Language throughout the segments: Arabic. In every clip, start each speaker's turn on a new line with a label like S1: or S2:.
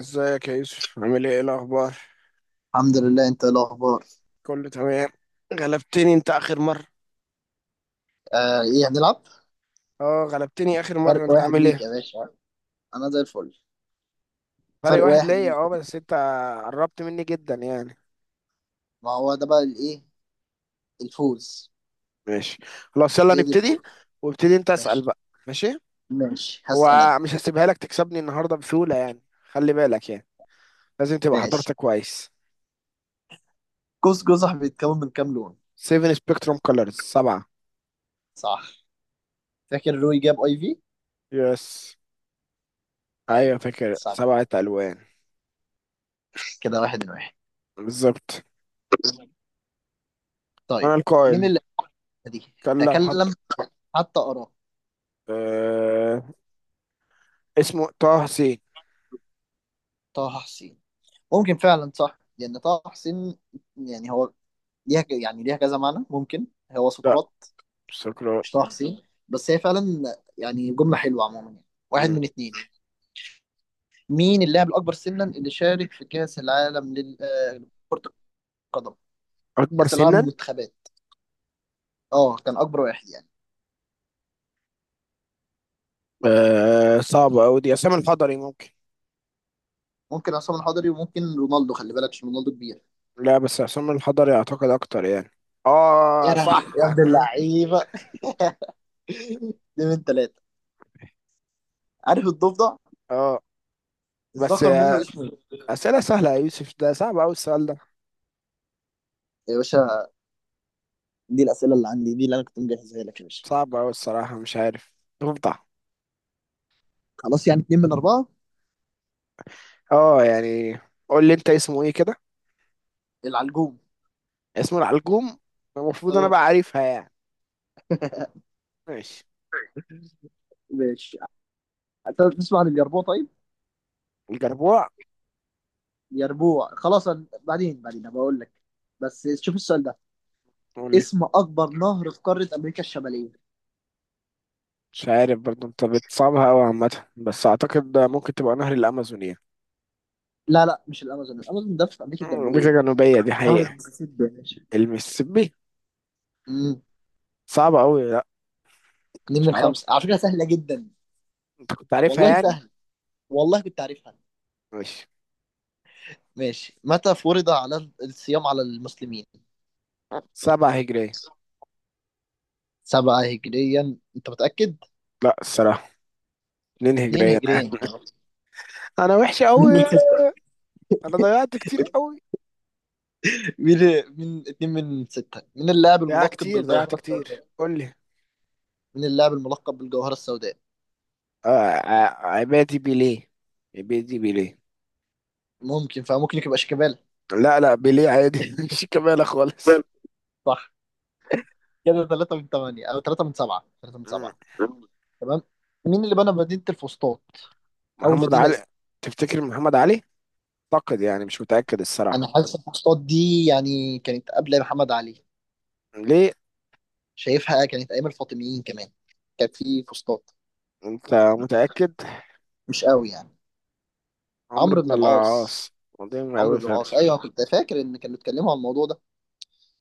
S1: ازيك يا يوسف؟ عامل ايه؟ ايه الاخبار؟
S2: الحمد لله، انت ايه الاخبار؟
S1: كله تمام. غلبتني انت اخر مره.
S2: آه، ايه هنلعب؟
S1: اه، غلبتني اخر مره.
S2: فرق
S1: انت
S2: واحد
S1: عامل
S2: ليك
S1: ايه؟
S2: يا باشا. انا زي الفل.
S1: فرق
S2: فرق
S1: واحد
S2: واحد
S1: ليا،
S2: ليك.
S1: اه، بس انت قربت مني جدا يعني.
S2: ما هو ده بقى الايه؟ الفوز.
S1: ماشي. خلاص، يلا
S2: هي دي
S1: نبتدي.
S2: الفوز.
S1: وابتدي انت اسال
S2: ماشي.
S1: بقى. ماشي.
S2: ماشي هسأل انا.
S1: هو مش هسيبها لك تكسبني النهارده بسهوله يعني. خلي بالك يعني. لازم تبقى
S2: ماشي.
S1: حضرتك كويس.
S2: قوس قزح بيتكون من كام لون؟
S1: 7 سبيكتروم كولرز سبعه.
S2: صح. فاكر روي جاب اي في؟
S1: يس. ايوه،
S2: ايوه.
S1: فاكر
S2: صح.
S1: سبعه الوان.
S2: كده واحد واحد.
S1: بالظبط. انا
S2: طيب. مين
S1: القائل.
S2: اللي دي
S1: كان لو
S2: تكلم؟
S1: حط.
S2: حتى اراه.
S1: آه... اسمه طه سي.
S2: طه حسين. ممكن فعلا، صح، لان طه حسين يعني هو ليها، يعني ليها كذا معنى. ممكن هو
S1: لا.
S2: سقراط.
S1: سكران.
S2: مش طه حسين، بس هي فعلا يعني جملة حلوة عموما يعني. واحد
S1: مم.
S2: من اتنين. مين اللاعب الأكبر سنا اللي شارك في كأس العالم لكرة القدم؟
S1: أكبر
S2: كأس العالم
S1: سنا.
S2: للمنتخبات. اه، كان أكبر واحد يعني.
S1: صعبة أوي دي، عصام الحضري ممكن.
S2: ممكن عصام الحضري وممكن رونالدو، خلي بالك عشان رونالدو كبير.
S1: لا، بس عصام الحضري أعتقد أكتر يعني.
S2: يا
S1: آه،
S2: لهوي
S1: صح.
S2: يا ابن اللعيبة. دي من ثلاثة. عارف الضفدع؟
S1: آه. بس
S2: الذكر منه
S1: آه،
S2: اسمه ايه؟
S1: أسئلة سهلة يا يوسف، ده صعب أوي السؤال ده.
S2: يا باشا، دي الأسئلة اللي عندي، دي اللي أنا كنت مجهزها لك يا باشا.
S1: صعب أوي الصراحة، مش عارف. تفضح.
S2: خلاص يعني اتنين من أربعة.
S1: آه، يعني. قول لي أنت اسمه إيه كده؟
S2: العلجوم.
S1: اسمه العلجوم. المفروض أنا
S2: اه.
S1: بقى عارفها يعني. ماشي.
S2: ماشي. أنت تسمع عن اليربوع؟ طيب.
S1: الجربوع.
S2: يربوع خلاص. بعدين بعدين أبقى اقول لك. بس شوف السؤال ده.
S1: قول لي.
S2: اسم اكبر نهر في قاره امريكا الشماليه.
S1: مش عارف برضه، أنت بتصعبها أوي عامة، بس أعتقد ده ممكن تبقى نهر الأمازون يعني.
S2: لا لا، مش الامازون، الامازون ده في امريكا
S1: أمريكا
S2: الجنوبيه.
S1: الجنوبية دي
S2: نهر
S1: حقيقة.
S2: المسيسيبي يا باشا.
S1: المسيسيبي.
S2: امم.
S1: صعبة أوي، لا.
S2: اتنين
S1: مش
S2: من
S1: عارف.
S2: خمسه، على فكره سهله جدا.
S1: أنت كنت عارفها
S2: والله
S1: يعني.
S2: سهل. والله كنت عارفها.
S1: ماشي.
S2: ماشي. متى فرض على الصيام على المسلمين؟
S1: سبعة هجرية.
S2: سبعة هجريا انت متأكد؟
S1: لا، الصراحة. اتنين
S2: اتنين
S1: هجرية.
S2: هجريا.
S1: أنا وحش
S2: اتنين من
S1: أوي.
S2: ستة.
S1: أنا ضيعت كتير أوي.
S2: مين؟ من اتنين من ستة، من اللاعب
S1: ضيعت
S2: الملقب
S1: كتير، ضيعت
S2: بالجوهرة
S1: كتير،
S2: السوداء؟
S1: قول لي.
S2: من اللاعب الملقب بالجوهرة السوداء؟
S1: آه. عبادي بيليه. عبادي بيليه.
S2: ممكن فممكن يبقى شيكابالا.
S1: لا، لا، بيليه عادي. مش كمالة خالص.
S2: صح. كده 3 من 8 او 3 من 7. 3 من
S1: مم.
S2: 7. تمام. مين اللي بنى مدينة الفسطاط؟ اول
S1: محمد
S2: مدينة
S1: علي.
S2: اسم.
S1: تفتكر محمد علي؟ أعتقد يعني مش متأكد
S2: انا
S1: الصراحة.
S2: حاسس الفسطاط دي يعني كانت قبل محمد علي.
S1: ليه؟
S2: شايفها كانت ايام الفاطميين كمان، كان في فسطاط.
S1: أنت متأكد؟
S2: مش قوي يعني.
S1: عمرو
S2: عمرو
S1: بن
S2: بن العاص.
S1: العاص. قديم
S2: عمرو
S1: أوي
S2: بن العاص،
S1: فعلا.
S2: ايوه كنت فاكر ان كانوا اتكلموا عن الموضوع ده.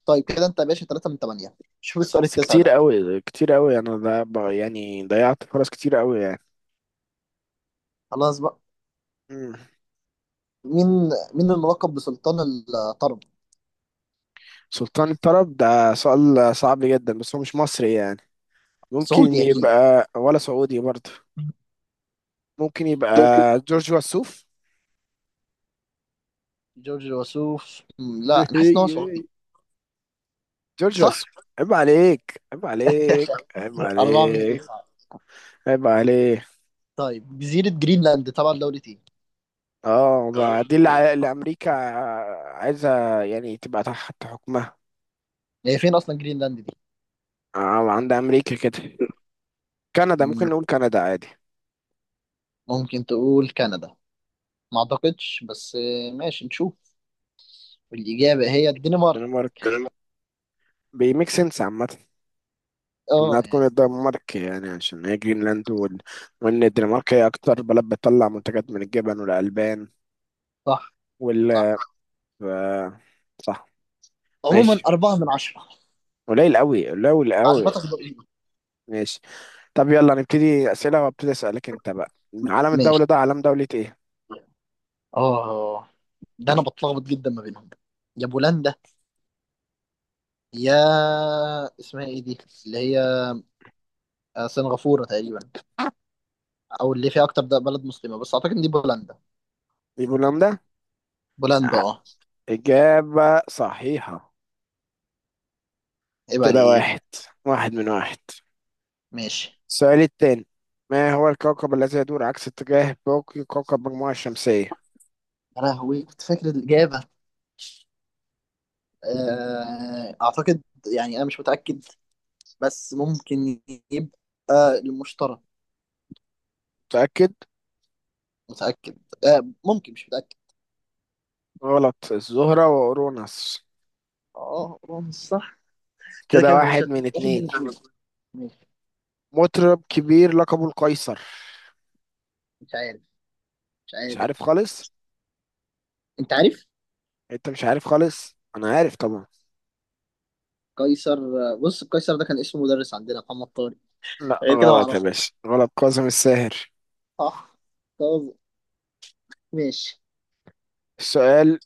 S2: طيب، كده انت يا باشا 3 من 8. شوف السؤال
S1: بس
S2: التاسع
S1: كتير
S2: ده.
S1: قوي، كتير قوي، انا ده يعني ضيعت فرص كتير قوي يعني.
S2: خلاص بقى.
S1: مم.
S2: مين؟ مين الملقب بسلطان الطرب؟
S1: سلطان الطرب ده سؤال صعب جدا، بس هو مش مصري يعني. ممكن
S2: سعودي اكيد.
S1: يبقى ولا سعودي برضه. ممكن يبقى. جورج وسوف.
S2: جورج الوسوف. لا، انا حاسس ان هو سعودي.
S1: جورج
S2: صح؟
S1: وسوف. عيب عليك، عيب عليك، عيب
S2: 4 من
S1: عليك،
S2: 9.
S1: عيب عليك.
S2: طيب، جزيرة جرينلاند تبع دولة ايه؟
S1: اه، بقى دي اللي امريكا عايزه يعني تبقى تحت حكمها.
S2: هي فين اصلا جرينلاند دي؟
S1: عند امريكا كده. كندا،
S2: مم،
S1: ممكن نقول كندا عادي.
S2: ممكن تقول كندا. ما اعتقدش، بس ماشي نشوف. الإجابة هي الدنمارك.
S1: دنمارك. بيميك سنس عامة. انها
S2: اه
S1: تكون
S2: يعني.
S1: الدنمارك يعني عشان هي جرينلاند. وان الدنمارك هي اكتر بلد بتطلع منتجات من الجبن والالبان.
S2: صح.
S1: وال
S2: صح.
S1: ف... صح.
S2: عموما
S1: ماشي.
S2: أربعة من عشرة.
S1: قليل قوي، قليل قوي.
S2: معلوماتك دقيقة.
S1: ماشي. طب، يلا نبتدي اسئله وابتدي اسالك انت بقى. علم
S2: ماشي.
S1: الدوله ده علم دوله ايه؟
S2: اه، ده انا بتلخبط جدا ما بينهم. يا بولندا، يا اسمها ايه دي اللي هي سنغافورة تقريبا، او اللي فيها اكتر ده بلد مسلمة. بس اعتقد ان دي بولندا.
S1: بولندا.
S2: بولندا
S1: ع-
S2: اه.
S1: اجابه صحيحه.
S2: عيب
S1: كده
S2: عليك.
S1: واحد، واحد من واحد.
S2: ماشي.
S1: السؤال التاني. ما هو الكوكب الذي يدور عكس اتجاه باقي كوكب المجموعه الشمسيه؟
S2: يا لهوي كنت فاكر الإجابة. أعتقد يعني أنا مش متأكد، بس ممكن يبقى المشترى.
S1: متاكد؟
S2: متأكد. ممكن، مش متأكد.
S1: غلط، الزهرة وأوروناس.
S2: اه، رمز صح. كده
S1: كده
S2: كده مش
S1: واحد من
S2: واحد من
S1: اتنين.
S2: الاتنين. ماشي.
S1: مطرب كبير لقبه القيصر؟
S2: مش عارف. مش
S1: مش
S2: عارف.
S1: عارف خالص.
S2: انت عارف.
S1: انت مش عارف خالص؟ انا عارف طبعا.
S2: قيصر. بص، قيصر ده كان اسمه مدرس عندنا، محمد طارق.
S1: لا
S2: غير كده
S1: غلط يا
S2: معرفش.
S1: باشا، غلط، كاظم الساهر.
S2: صح. طب. ماشي.
S1: السؤال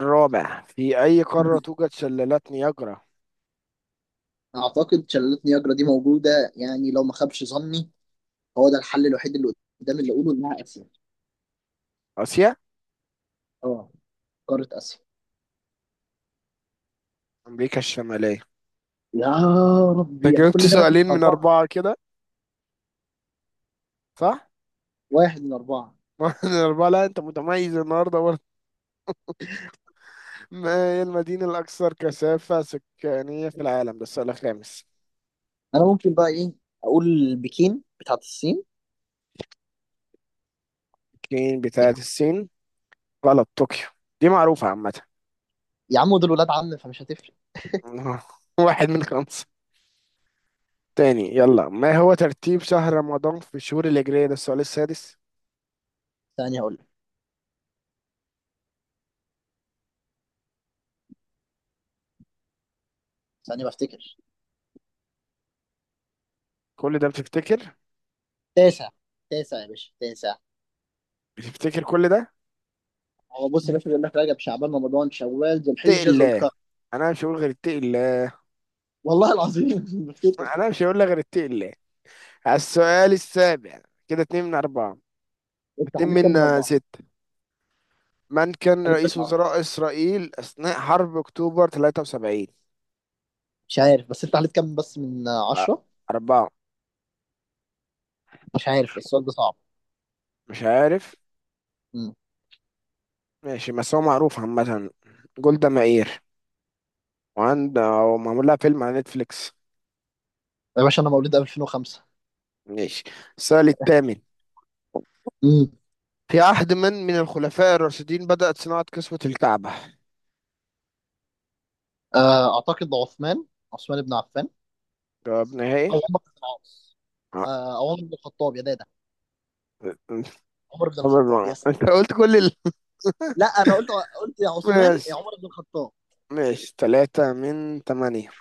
S1: الرابع، في أي قارة توجد شلالات نياجرا؟
S2: اعتقد شلالات نياجرا دي موجوده يعني لو ما خابش ظني. هو ده الحل الوحيد اللي قدامي، اللي اقوله انها اسيا.
S1: آسيا؟
S2: اه، قارة آسيا.
S1: أمريكا الشمالية.
S2: يا
S1: انت
S2: ربي، أنا
S1: جاوبت
S2: كل ده واحد
S1: سؤالين
S2: من
S1: من
S2: أربعة.
S1: أربعة كده، صح؟
S2: واحد من أربعة.
S1: واحد من أربعة، لا أنت متميز النهاردة برضه. ما هي المدينة الأكثر كثافة سكانية في العالم؟ ده السؤال الخامس.
S2: أنا ممكن بقى إيه أقول؟ بكين بتاعت الصين
S1: الصين،
S2: يعني.
S1: بتاعت الصين. غلط، طوكيو. دي معروفة عامة.
S2: يا عم، دول ولاد عم فمش هتفرق.
S1: واحد من خمسة. تاني يلا، ما هو ترتيب شهر رمضان في الشهور الهجرية؟ ده السؤال السادس.
S2: ثانية أقول لك. ثانية بفتكر.
S1: كل ده بتفتكر؟
S2: تاسع. تاسع يا باشا تاسع.
S1: بتفتكر كل ده؟
S2: هو بص يا باشا، بيقول لك رجب شعبان رمضان شوال ذو
S1: اتق
S2: الحجة ذو
S1: الله.
S2: القرن.
S1: انا مش هقول غير اتق الله.
S2: والله العظيم بفتكر.
S1: انا مش هقول لك غير اتق الله. على السؤال السابع. كده اتنين من اربعة.
S2: أنت
S1: اتنين
S2: عليك كام من
S1: من
S2: أربعة؟
S1: ستة. من كان
S2: عليك كام
S1: رئيس
S2: من عشرة؟
S1: وزراء اسرائيل اثناء حرب اكتوبر 73؟
S2: مش عارف، بس أنت عليك كام بس من
S1: أ-
S2: عشرة؟
S1: اربعة.
S2: مش عارف، السؤال ده صعب.
S1: مش عارف.
S2: مم.
S1: ماشي، بس هو معروف عامة. جولدا مائير. وعند، أو معمول لها فيلم على نتفليكس.
S2: يا باشا، أنا مولود 2005.
S1: ماشي. السؤال الثامن.
S2: امم
S1: في عهد من الخلفاء الراشدين بدأت صناعة كسوة الكعبة؟
S2: أعتقد عثمان. عثمان بن عفان.
S1: جواب نهائي؟
S2: او عمر بن العاص.
S1: آه.
S2: او عمر بن الخطاب يا دادا. عمر بن الخطاب، يس.
S1: انت قلت كل.
S2: لا، انا قلت قلت يا عثمان يا
S1: ماشي،
S2: عمر بن الخطاب.
S1: ماشي، ثلاثة من ثمانية.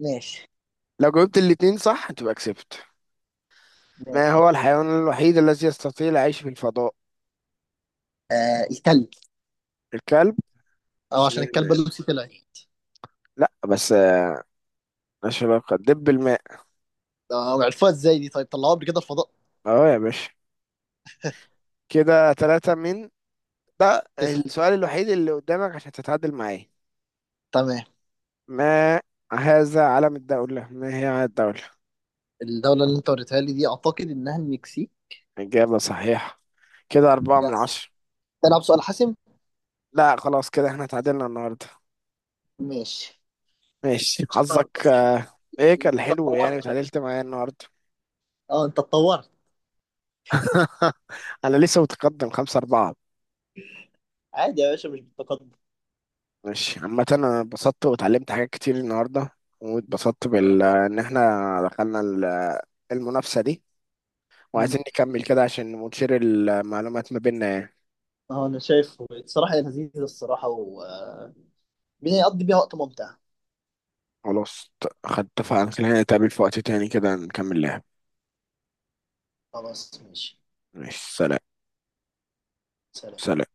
S2: ماشي.
S1: لو جاوبت الاتنين صح تبقى كسبت. ما هو
S2: ماشي.
S1: الحيوان الوحيد الذي يستطيع العيش في الفضاء؟
S2: آه، الكلب.
S1: الكلب؟
S2: اه، عشان
S1: اشمعنى
S2: الكلب
S1: يعني.
S2: اللوسي طلع.
S1: لا بس ملهاش علاقة، دب الماء.
S2: آه، عرفوها ازاي دي؟ طيب طلعوها قبل كده الفضاء.
S1: اهو يا باشا. كده ثلاثة من. ده
S2: تسعة.
S1: السؤال الوحيد اللي قدامك عشان تتعادل معاه.
S2: تمام.
S1: ما هذا علم الدولة؟ ما هي علم الدولة؟
S2: الدولة اللي انت وريتها لي دي اعتقد انها المكسيك.
S1: إجابة صحيحة. كده أربعة من
S2: يس.
S1: عشرة.
S2: تلعب سؤال حاسم.
S1: لا خلاص، كده احنا اتعادلنا النهاردة.
S2: ماشي،
S1: ماشي
S2: مش
S1: حظك.
S2: هتعرف بس.
S1: ايه، كان
S2: انت
S1: حلو يعني
S2: اتطورت شكلك.
S1: وتعادلت معايا النهاردة.
S2: اه، انت اتطورت.
S1: أنا لسه متقدم خمسة أربعة.
S2: عادي يا باشا، مش بالتقدم.
S1: ماشي، عامة أنا اتبسطت واتعلمت حاجات كتير النهاردة. واتبسطت
S2: انا
S1: بال
S2: كمان.
S1: إن احنا دخلنا المنافسة دي.
S2: مم.
S1: وعايزين نكمل كده عشان ونشير المعلومات ما بيننا يعني.
S2: اه، انا شايفه الصراحة لذيذ الصراحة، و بنقضي بيها وقت ممتع.
S1: خلاص خد اتفقنا خلينا نتقابل في وقت تاني كده نكمل لعب.
S2: خلاص ماشي.
S1: ماشي، سلام.
S2: سلام.
S1: سلام.